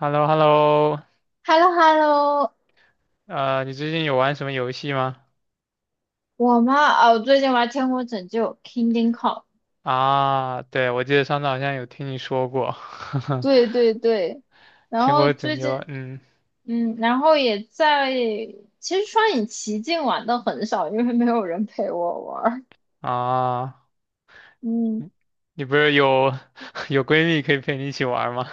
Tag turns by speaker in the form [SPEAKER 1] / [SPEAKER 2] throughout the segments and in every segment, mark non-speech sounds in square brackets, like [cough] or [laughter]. [SPEAKER 1] h e l l o h e l l o
[SPEAKER 2] h e l l o h e l l o
[SPEAKER 1] 你最近有玩什么游戏吗？
[SPEAKER 2] 我妈哦，最近玩《天国拯救》（Kingdom Come），
[SPEAKER 1] 啊，对，我记得上次好像有听你说过，[laughs]
[SPEAKER 2] 对对对，然
[SPEAKER 1] 天
[SPEAKER 2] 后
[SPEAKER 1] 国拯
[SPEAKER 2] 最
[SPEAKER 1] 救，
[SPEAKER 2] 近
[SPEAKER 1] 嗯，
[SPEAKER 2] 然后也在，其实双影奇境玩的很少，因为没有人陪我玩儿。
[SPEAKER 1] 啊，
[SPEAKER 2] 嗯，
[SPEAKER 1] 你你不是有 [laughs] 有闺蜜可以陪你一起玩吗？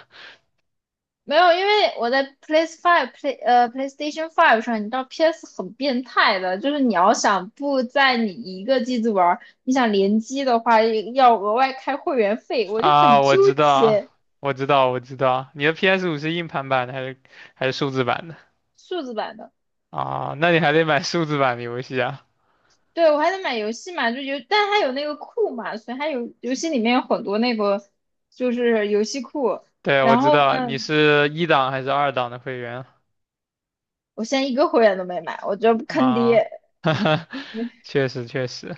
[SPEAKER 2] 没有，因为我在 PS l a Five、Play 呃 PlayStation 5 上，你知道 PS 很变态的，就是你要想不在你一个机子玩儿，你想联机的话，要额外开会员费，我就
[SPEAKER 1] 啊，
[SPEAKER 2] 很
[SPEAKER 1] 我
[SPEAKER 2] 纠
[SPEAKER 1] 知道，
[SPEAKER 2] 结。
[SPEAKER 1] 我知道，我知道，你的 PS5是硬盘版的还是数字版的？
[SPEAKER 2] 数字版的。
[SPEAKER 1] 啊，那你还得买数字版的游戏啊。
[SPEAKER 2] 对，我还得买游戏嘛，但它有那个库嘛，所以它有游戏里面有很多那个就是游戏库。
[SPEAKER 1] 对，我
[SPEAKER 2] 然
[SPEAKER 1] 知
[SPEAKER 2] 后
[SPEAKER 1] 道，你
[SPEAKER 2] 呢，
[SPEAKER 1] 是一档还是二档的会员
[SPEAKER 2] 我现在一个会员都没买，我觉得坑
[SPEAKER 1] 啊？
[SPEAKER 2] 爹，
[SPEAKER 1] [laughs] 哈哈，[laughs] 确实，确实。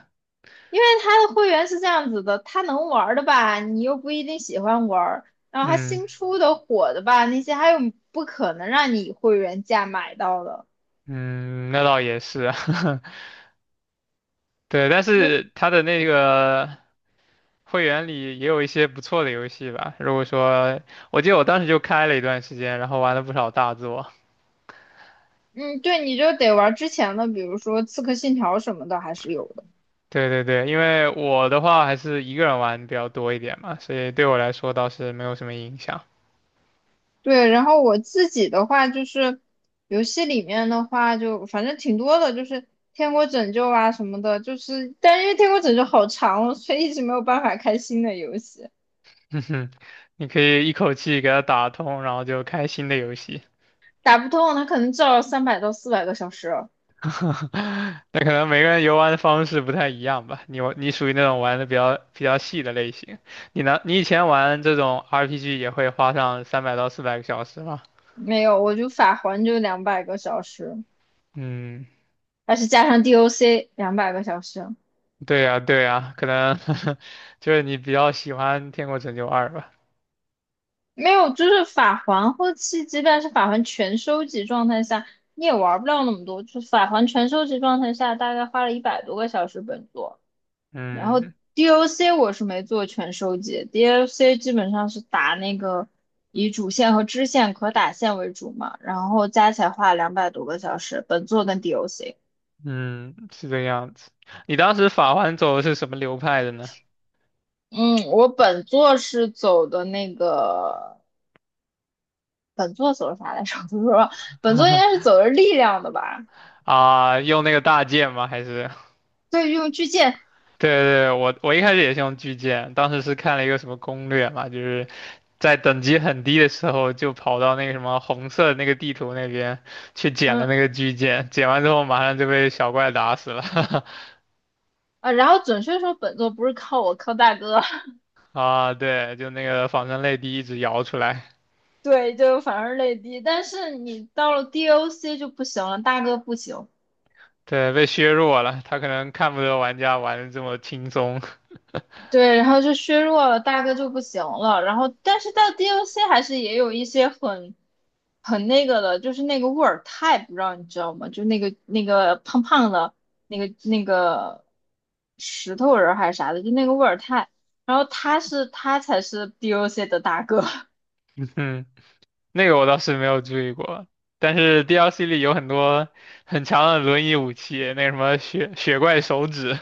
[SPEAKER 2] 因为它的会员是这样子的，它能玩儿的吧，你又不一定喜欢玩儿，然后它
[SPEAKER 1] 嗯，
[SPEAKER 2] 新出的火的吧，那些还有不可能让你以会员价买到的，
[SPEAKER 1] 嗯，那倒也是啊，[laughs] 对，但
[SPEAKER 2] 所以
[SPEAKER 1] 是它的那个会员里也有一些不错的游戏吧。如果说，我记得我当时就开了一段时间，然后玩了不少大作。
[SPEAKER 2] 嗯，对，你就得玩儿之前的，比如说《刺客信条》什么的，还是有的。
[SPEAKER 1] 对对对，因为我的话还是一个人玩比较多一点嘛，所以对我来说倒是没有什么影响。
[SPEAKER 2] 对，然后我自己的话就是游戏里面的话就反正挺多的，就是《天国拯救》啊什么的，就是但是因为《天国拯救》好长哦所以一直没有办法开新的游戏，
[SPEAKER 1] [laughs] 哼哼，你可以一口气给它打通，然后就开新的游戏。
[SPEAKER 2] 打不通，它可能至少300到400个小时，
[SPEAKER 1] [laughs] 那可能每个人游玩的方式不太一样吧。你属于那种玩的比较细的类型，你呢？你以前玩这种 RPG 也会花上300到400个小时吗？
[SPEAKER 2] 没有，我就法环就两百个小时，
[SPEAKER 1] 嗯，
[SPEAKER 2] 但是加上 DOC 两百个小时，
[SPEAKER 1] 对呀，对呀，可能 [laughs] 就是你比较喜欢《天国拯救二》吧。
[SPEAKER 2] 没有，就是法环后期即便是法环全收集状态下，你也玩不了那么多，就是法环全收集状态下大概花了100多个小时本作。然后
[SPEAKER 1] 嗯
[SPEAKER 2] DOC 我是没做全收集，DOC 基本上是打那个以主线和支线可打线为主嘛，然后加起来花了200多个小时，本作跟 DOC。
[SPEAKER 1] 嗯，是这样子。你当时法环走的是什么流派的呢？
[SPEAKER 2] 嗯，我本作是走的那个，本作走的啥来着？[laughs] 我不知道，本作应该是
[SPEAKER 1] [laughs]
[SPEAKER 2] 走的力量的吧？
[SPEAKER 1] 啊，用那个大剑吗？还是？[laughs]
[SPEAKER 2] 对，用巨剑，
[SPEAKER 1] 对对，我一开始也是用巨剑，当时是看了一个什么攻略嘛，就是在等级很低的时候，就跑到那个什么红色的那个地图那边去捡了
[SPEAKER 2] 嗯
[SPEAKER 1] 那个巨剑，捡完之后马上就被小怪打死了。[laughs]
[SPEAKER 2] 啊，然后准确说本作不是靠我，靠大哥。
[SPEAKER 1] 啊，对，就那个仿生泪滴一直摇出来，
[SPEAKER 2] [laughs] 对，就反而泪滴，但是你到了 DOC 就不行了，大哥不行。
[SPEAKER 1] 对，被削弱了。他可能看不得玩家玩的这么轻松，
[SPEAKER 2] 对，然后就削弱了，大哥就不行了。然后，但是到 d o c 还是也有一些很那个的，就是那个沃尔泰，不知道你知道吗？就那个胖胖的那个石头人儿还是啥的，就那个沃尔泰。然后他才是 d o c 的大哥，[laughs]
[SPEAKER 1] [laughs] 嗯，那个我倒是没有注意过。但是 DLC 里有很多很强的轮椅武器，那个什么雪雪怪手指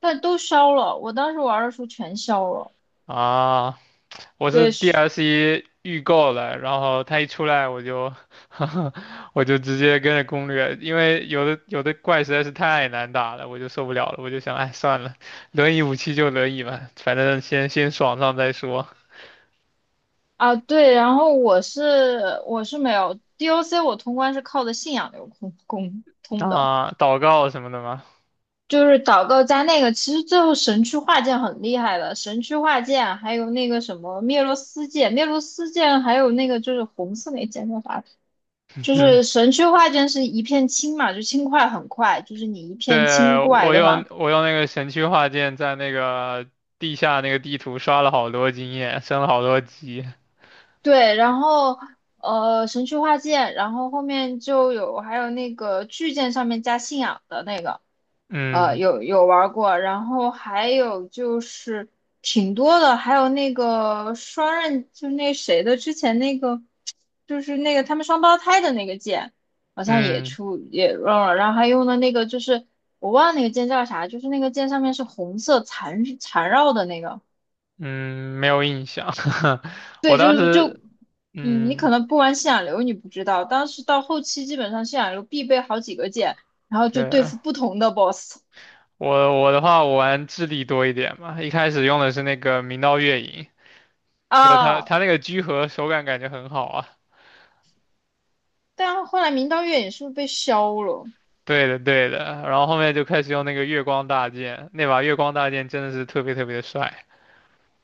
[SPEAKER 2] 但都消了。我当时玩的时候全消了。
[SPEAKER 1] 啊，我是
[SPEAKER 2] 对，是
[SPEAKER 1] DLC 预购了，然后它一出来我就 [laughs]，我就直接跟着攻略，因为有的怪实在是太难打了，我就受不了了，我就想，哎，算了，轮椅武器就轮椅吧，反正先爽上再说。
[SPEAKER 2] 啊，对。然后我是没有 d o c 我通关是靠的信仰流通通通的。
[SPEAKER 1] 啊，祷告什么的吗？
[SPEAKER 2] 就是祷告加那个，其实最后神区化剑很厉害的，神区化剑还有那个什么灭罗斯剑，灭罗斯剑还有那个就是红色那剑叫啥？
[SPEAKER 1] [laughs]
[SPEAKER 2] 就
[SPEAKER 1] 嗯，
[SPEAKER 2] 是神区化剑是一片青嘛，就青块很快，就是你一片
[SPEAKER 1] 对，
[SPEAKER 2] 青怪
[SPEAKER 1] 我
[SPEAKER 2] 的
[SPEAKER 1] 用
[SPEAKER 2] 话，
[SPEAKER 1] 我用那个神区画剑在那个地下那个地图刷了好多经验，升了好多级。
[SPEAKER 2] 对，然后神区化剑，然后后面就有还有那个巨剑上面加信仰的那个。
[SPEAKER 1] 嗯
[SPEAKER 2] 有玩过，然后还有就是挺多的，还有那个双刃，就那谁的之前那个，就是那个他们双胞胎的那个剑，好像也
[SPEAKER 1] 嗯
[SPEAKER 2] 出也用了，然后还用的那个就是我忘了那个剑叫啥，就是那个剑上面是红色缠绕的那个，
[SPEAKER 1] 嗯，没有印象。[laughs] 我
[SPEAKER 2] 对，
[SPEAKER 1] 当
[SPEAKER 2] 就就
[SPEAKER 1] 时
[SPEAKER 2] 嗯，你
[SPEAKER 1] 嗯，
[SPEAKER 2] 可能不玩信仰流你不知道，当时到后期基本上信仰流必备好几个剑，然后就对
[SPEAKER 1] 对，
[SPEAKER 2] 付不同的 BOSS
[SPEAKER 1] 我的话，我玩智力多一点嘛，一开始用的是那个明道月影，就他
[SPEAKER 2] 啊。
[SPEAKER 1] 他那个居合手感感觉很好啊。
[SPEAKER 2] 但后来明道月影是不是被削了？
[SPEAKER 1] 对的对的，然后后面就开始用那个月光大剑，那把月光大剑真的是特别特别的帅。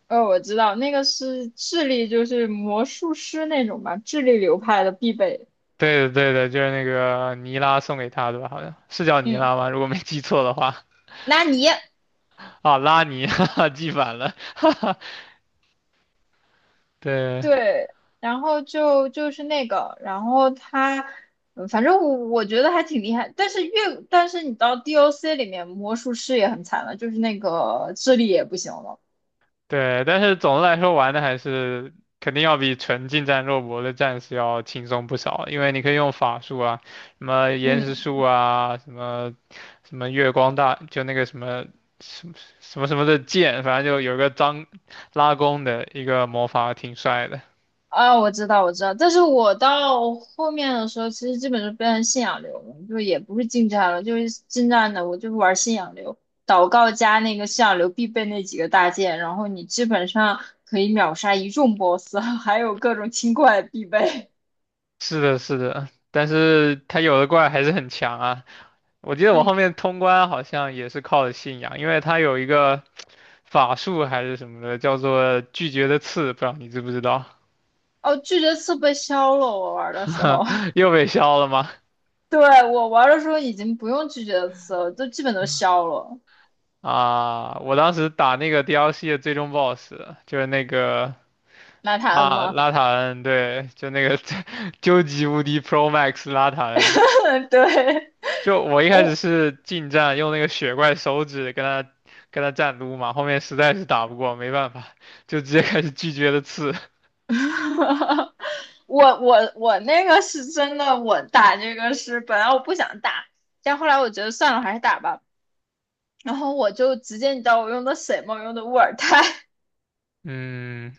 [SPEAKER 2] 哦，我知道那个是智力，就是魔术师那种吧，智力流派的必备。
[SPEAKER 1] 对的对的，就是那个尼拉送给他的吧，好像是叫尼
[SPEAKER 2] 嗯，
[SPEAKER 1] 拉吗？如果没记错的话，
[SPEAKER 2] 纳尼？
[SPEAKER 1] 啊，拉尼，[laughs] 哈哈，记反了，[laughs] 哈哈，对。
[SPEAKER 2] 对，然后就是那个，然后他，嗯反正我觉得还挺厉害。但是你到 DOC 里面，魔术师也很惨了，就是那个智力也不行了。
[SPEAKER 1] 对，但是总的来说玩的还是肯定要比纯近战肉搏的战士要轻松不少，因为你可以用法术啊，什么岩石术
[SPEAKER 2] 嗯。
[SPEAKER 1] 啊，什么什么月光大，就那个什么什么什么什么的剑，反正就有一个张拉弓的一个魔法挺帅的。
[SPEAKER 2] 啊，我知道，我知道，但是我到后面的时候，其实基本就变成信仰流了，就也不是近战了，就是近战的，我就是玩信仰流，祷告加那个信仰流必备那几个大件，然后你基本上可以秒杀一众 BOSS，[laughs] 还有各种清怪必备。
[SPEAKER 1] 是的，是的，但是他有的怪还是很强啊。我记
[SPEAKER 2] [laughs]
[SPEAKER 1] 得我后
[SPEAKER 2] 嗯，
[SPEAKER 1] 面通关好像也是靠的信仰，因为他有一个法术还是什么的，叫做拒绝的刺，不知道你知不知道。
[SPEAKER 2] 哦，拒绝刺被消了，我玩的时
[SPEAKER 1] [laughs]
[SPEAKER 2] 候，
[SPEAKER 1] 又被削了吗？
[SPEAKER 2] [laughs] 对，我玩的时候已经不用拒绝刺了，都基本都消了。
[SPEAKER 1] 啊，我当时打那个 DLC 的最终 BOSS，就是那个
[SPEAKER 2] 拿他恩
[SPEAKER 1] 拉
[SPEAKER 2] 吗？
[SPEAKER 1] 拉塔恩，对，就那个 [laughs] 究极无敌 Pro Max 拉塔恩。
[SPEAKER 2] [laughs] 对，
[SPEAKER 1] 就我一开始
[SPEAKER 2] 我
[SPEAKER 1] 是近战，用那个雪怪手指跟他战撸嘛，后面实在是打不过，没办法，就直接开始拒绝的刺。
[SPEAKER 2] [laughs] 我那个是真的，我打这个是本来我不想打，但后来我觉得算了，还是打吧。然后我就直接，你知道我用的什么？我用的沃尔泰，
[SPEAKER 1] 嗯，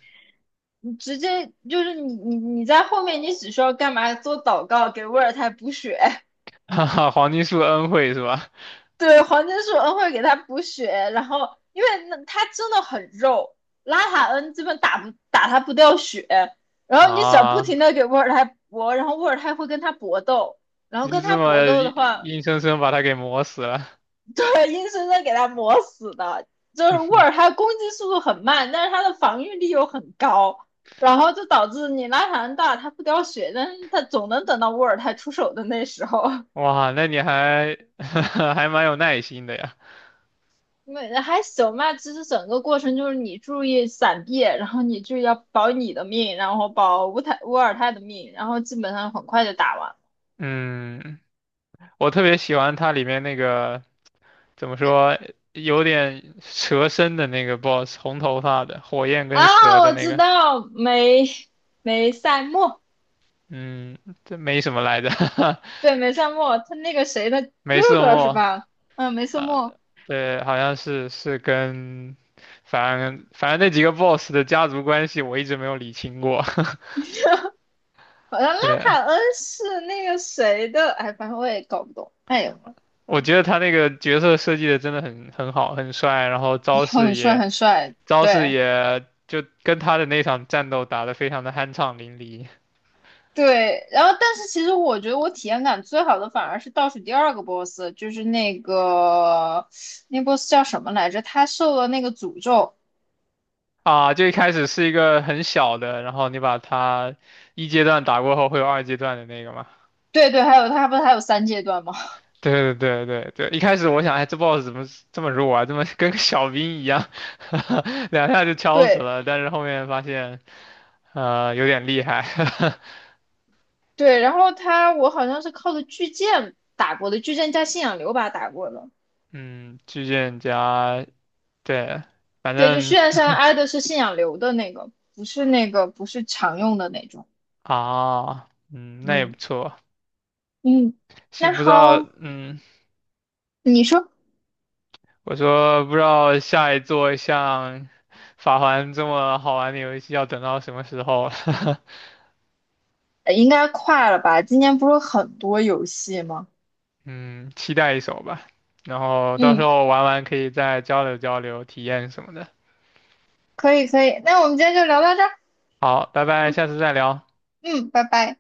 [SPEAKER 2] 你直接就是你在后面，你只需要干嘛？做祷告，给沃尔泰补血。
[SPEAKER 1] [laughs] 哈哈，黄金树恩惠是吧？
[SPEAKER 2] 对，黄金树恩会给他补血，然后因为那他真的很肉，拉塔恩基本打不打他不掉血，然后你只要不
[SPEAKER 1] 啊，
[SPEAKER 2] 停的给沃尔泰搏，然后沃尔泰会跟他搏斗，然后
[SPEAKER 1] 你就
[SPEAKER 2] 跟
[SPEAKER 1] 这
[SPEAKER 2] 他
[SPEAKER 1] 么
[SPEAKER 2] 搏斗的
[SPEAKER 1] 硬
[SPEAKER 2] 话，
[SPEAKER 1] 硬生生把他给磨死了。
[SPEAKER 2] 对，硬生生给他磨死的。就是沃尔泰攻击速度很慢，但是他的防御力又很高，然后就导致你拉塔恩大他不掉血，但是他总能等到沃尔泰出手的那时候。
[SPEAKER 1] 哇，那你还 [laughs] 还蛮有耐心的呀。
[SPEAKER 2] 没还行吧，其实整个过程就是你注意闪避，然后你就要保你的命，然后保乌尔泰的命，然后基本上很快就打完。
[SPEAKER 1] 嗯，我特别喜欢它里面那个怎么说，有点蛇身的那个 BOSS，红头发的，火焰跟蛇
[SPEAKER 2] 啊，
[SPEAKER 1] 的
[SPEAKER 2] 我
[SPEAKER 1] 那
[SPEAKER 2] 知
[SPEAKER 1] 个。
[SPEAKER 2] 道梅赛莫，
[SPEAKER 1] 嗯，这没什么来着，
[SPEAKER 2] 对梅赛莫，他那个谁的
[SPEAKER 1] [laughs]
[SPEAKER 2] 哥
[SPEAKER 1] 没瑟
[SPEAKER 2] 哥是
[SPEAKER 1] 莫。
[SPEAKER 2] 吧？嗯，梅赛
[SPEAKER 1] 啊，
[SPEAKER 2] 莫，
[SPEAKER 1] 对，好像是跟，反正那几个 BOSS 的家族关系我一直没有理清过。
[SPEAKER 2] 好像
[SPEAKER 1] [laughs]
[SPEAKER 2] 拉
[SPEAKER 1] 对，
[SPEAKER 2] 塔恩是那个谁的，哎，反正我也搞不懂。哎呦，
[SPEAKER 1] 我觉得他那个角色设计的真的很好，很帅，然后招式
[SPEAKER 2] 很帅
[SPEAKER 1] 也。
[SPEAKER 2] 很帅，
[SPEAKER 1] 招式
[SPEAKER 2] 对。
[SPEAKER 1] 也就跟他的那场战斗打得非常的酣畅淋漓
[SPEAKER 2] 对，然后但是其实我觉得我体验感最好的反而是倒数第二个 boss，就是那个那 boss 叫什么来着？他受了那个诅咒。
[SPEAKER 1] 啊！就一开始是一个很小的，然后你把他一阶段打过后会有二阶段的那个嘛。
[SPEAKER 2] 对对，还有他不是还有三阶段吗？
[SPEAKER 1] 对对对对对，一开始我想，哎，这 boss 怎么这么弱啊？这么跟个小兵一样，[laughs] 两下就
[SPEAKER 2] [laughs]
[SPEAKER 1] 敲死
[SPEAKER 2] 对
[SPEAKER 1] 了。但是后面发现，有点厉害。[laughs]
[SPEAKER 2] 对，然后他我好像是靠着巨剑打过的，巨剑加信仰流把他打过的。
[SPEAKER 1] 嗯，巨剑加对，反
[SPEAKER 2] 对，就
[SPEAKER 1] 正
[SPEAKER 2] 虽然山挨的是信仰流的那个，不是那个不是常用的那种。
[SPEAKER 1] [laughs] 啊，嗯，那也不
[SPEAKER 2] 嗯
[SPEAKER 1] 错。
[SPEAKER 2] 嗯，
[SPEAKER 1] 是
[SPEAKER 2] 那
[SPEAKER 1] 不知道，
[SPEAKER 2] 好，
[SPEAKER 1] 嗯。
[SPEAKER 2] 你说
[SPEAKER 1] 我说不知道下一座像《法环》这么好玩的游戏要等到什么时候了，
[SPEAKER 2] 应该快了吧？今年不是有很多游戏吗？
[SPEAKER 1] [laughs] 嗯，期待一手吧。然后到时
[SPEAKER 2] 嗯
[SPEAKER 1] 候玩完可以再交流交流体验什么的。
[SPEAKER 2] 可以可以，那我们今天就聊到这儿。
[SPEAKER 1] 好，拜拜，
[SPEAKER 2] 嗯
[SPEAKER 1] 下次再聊。
[SPEAKER 2] 嗯，拜拜。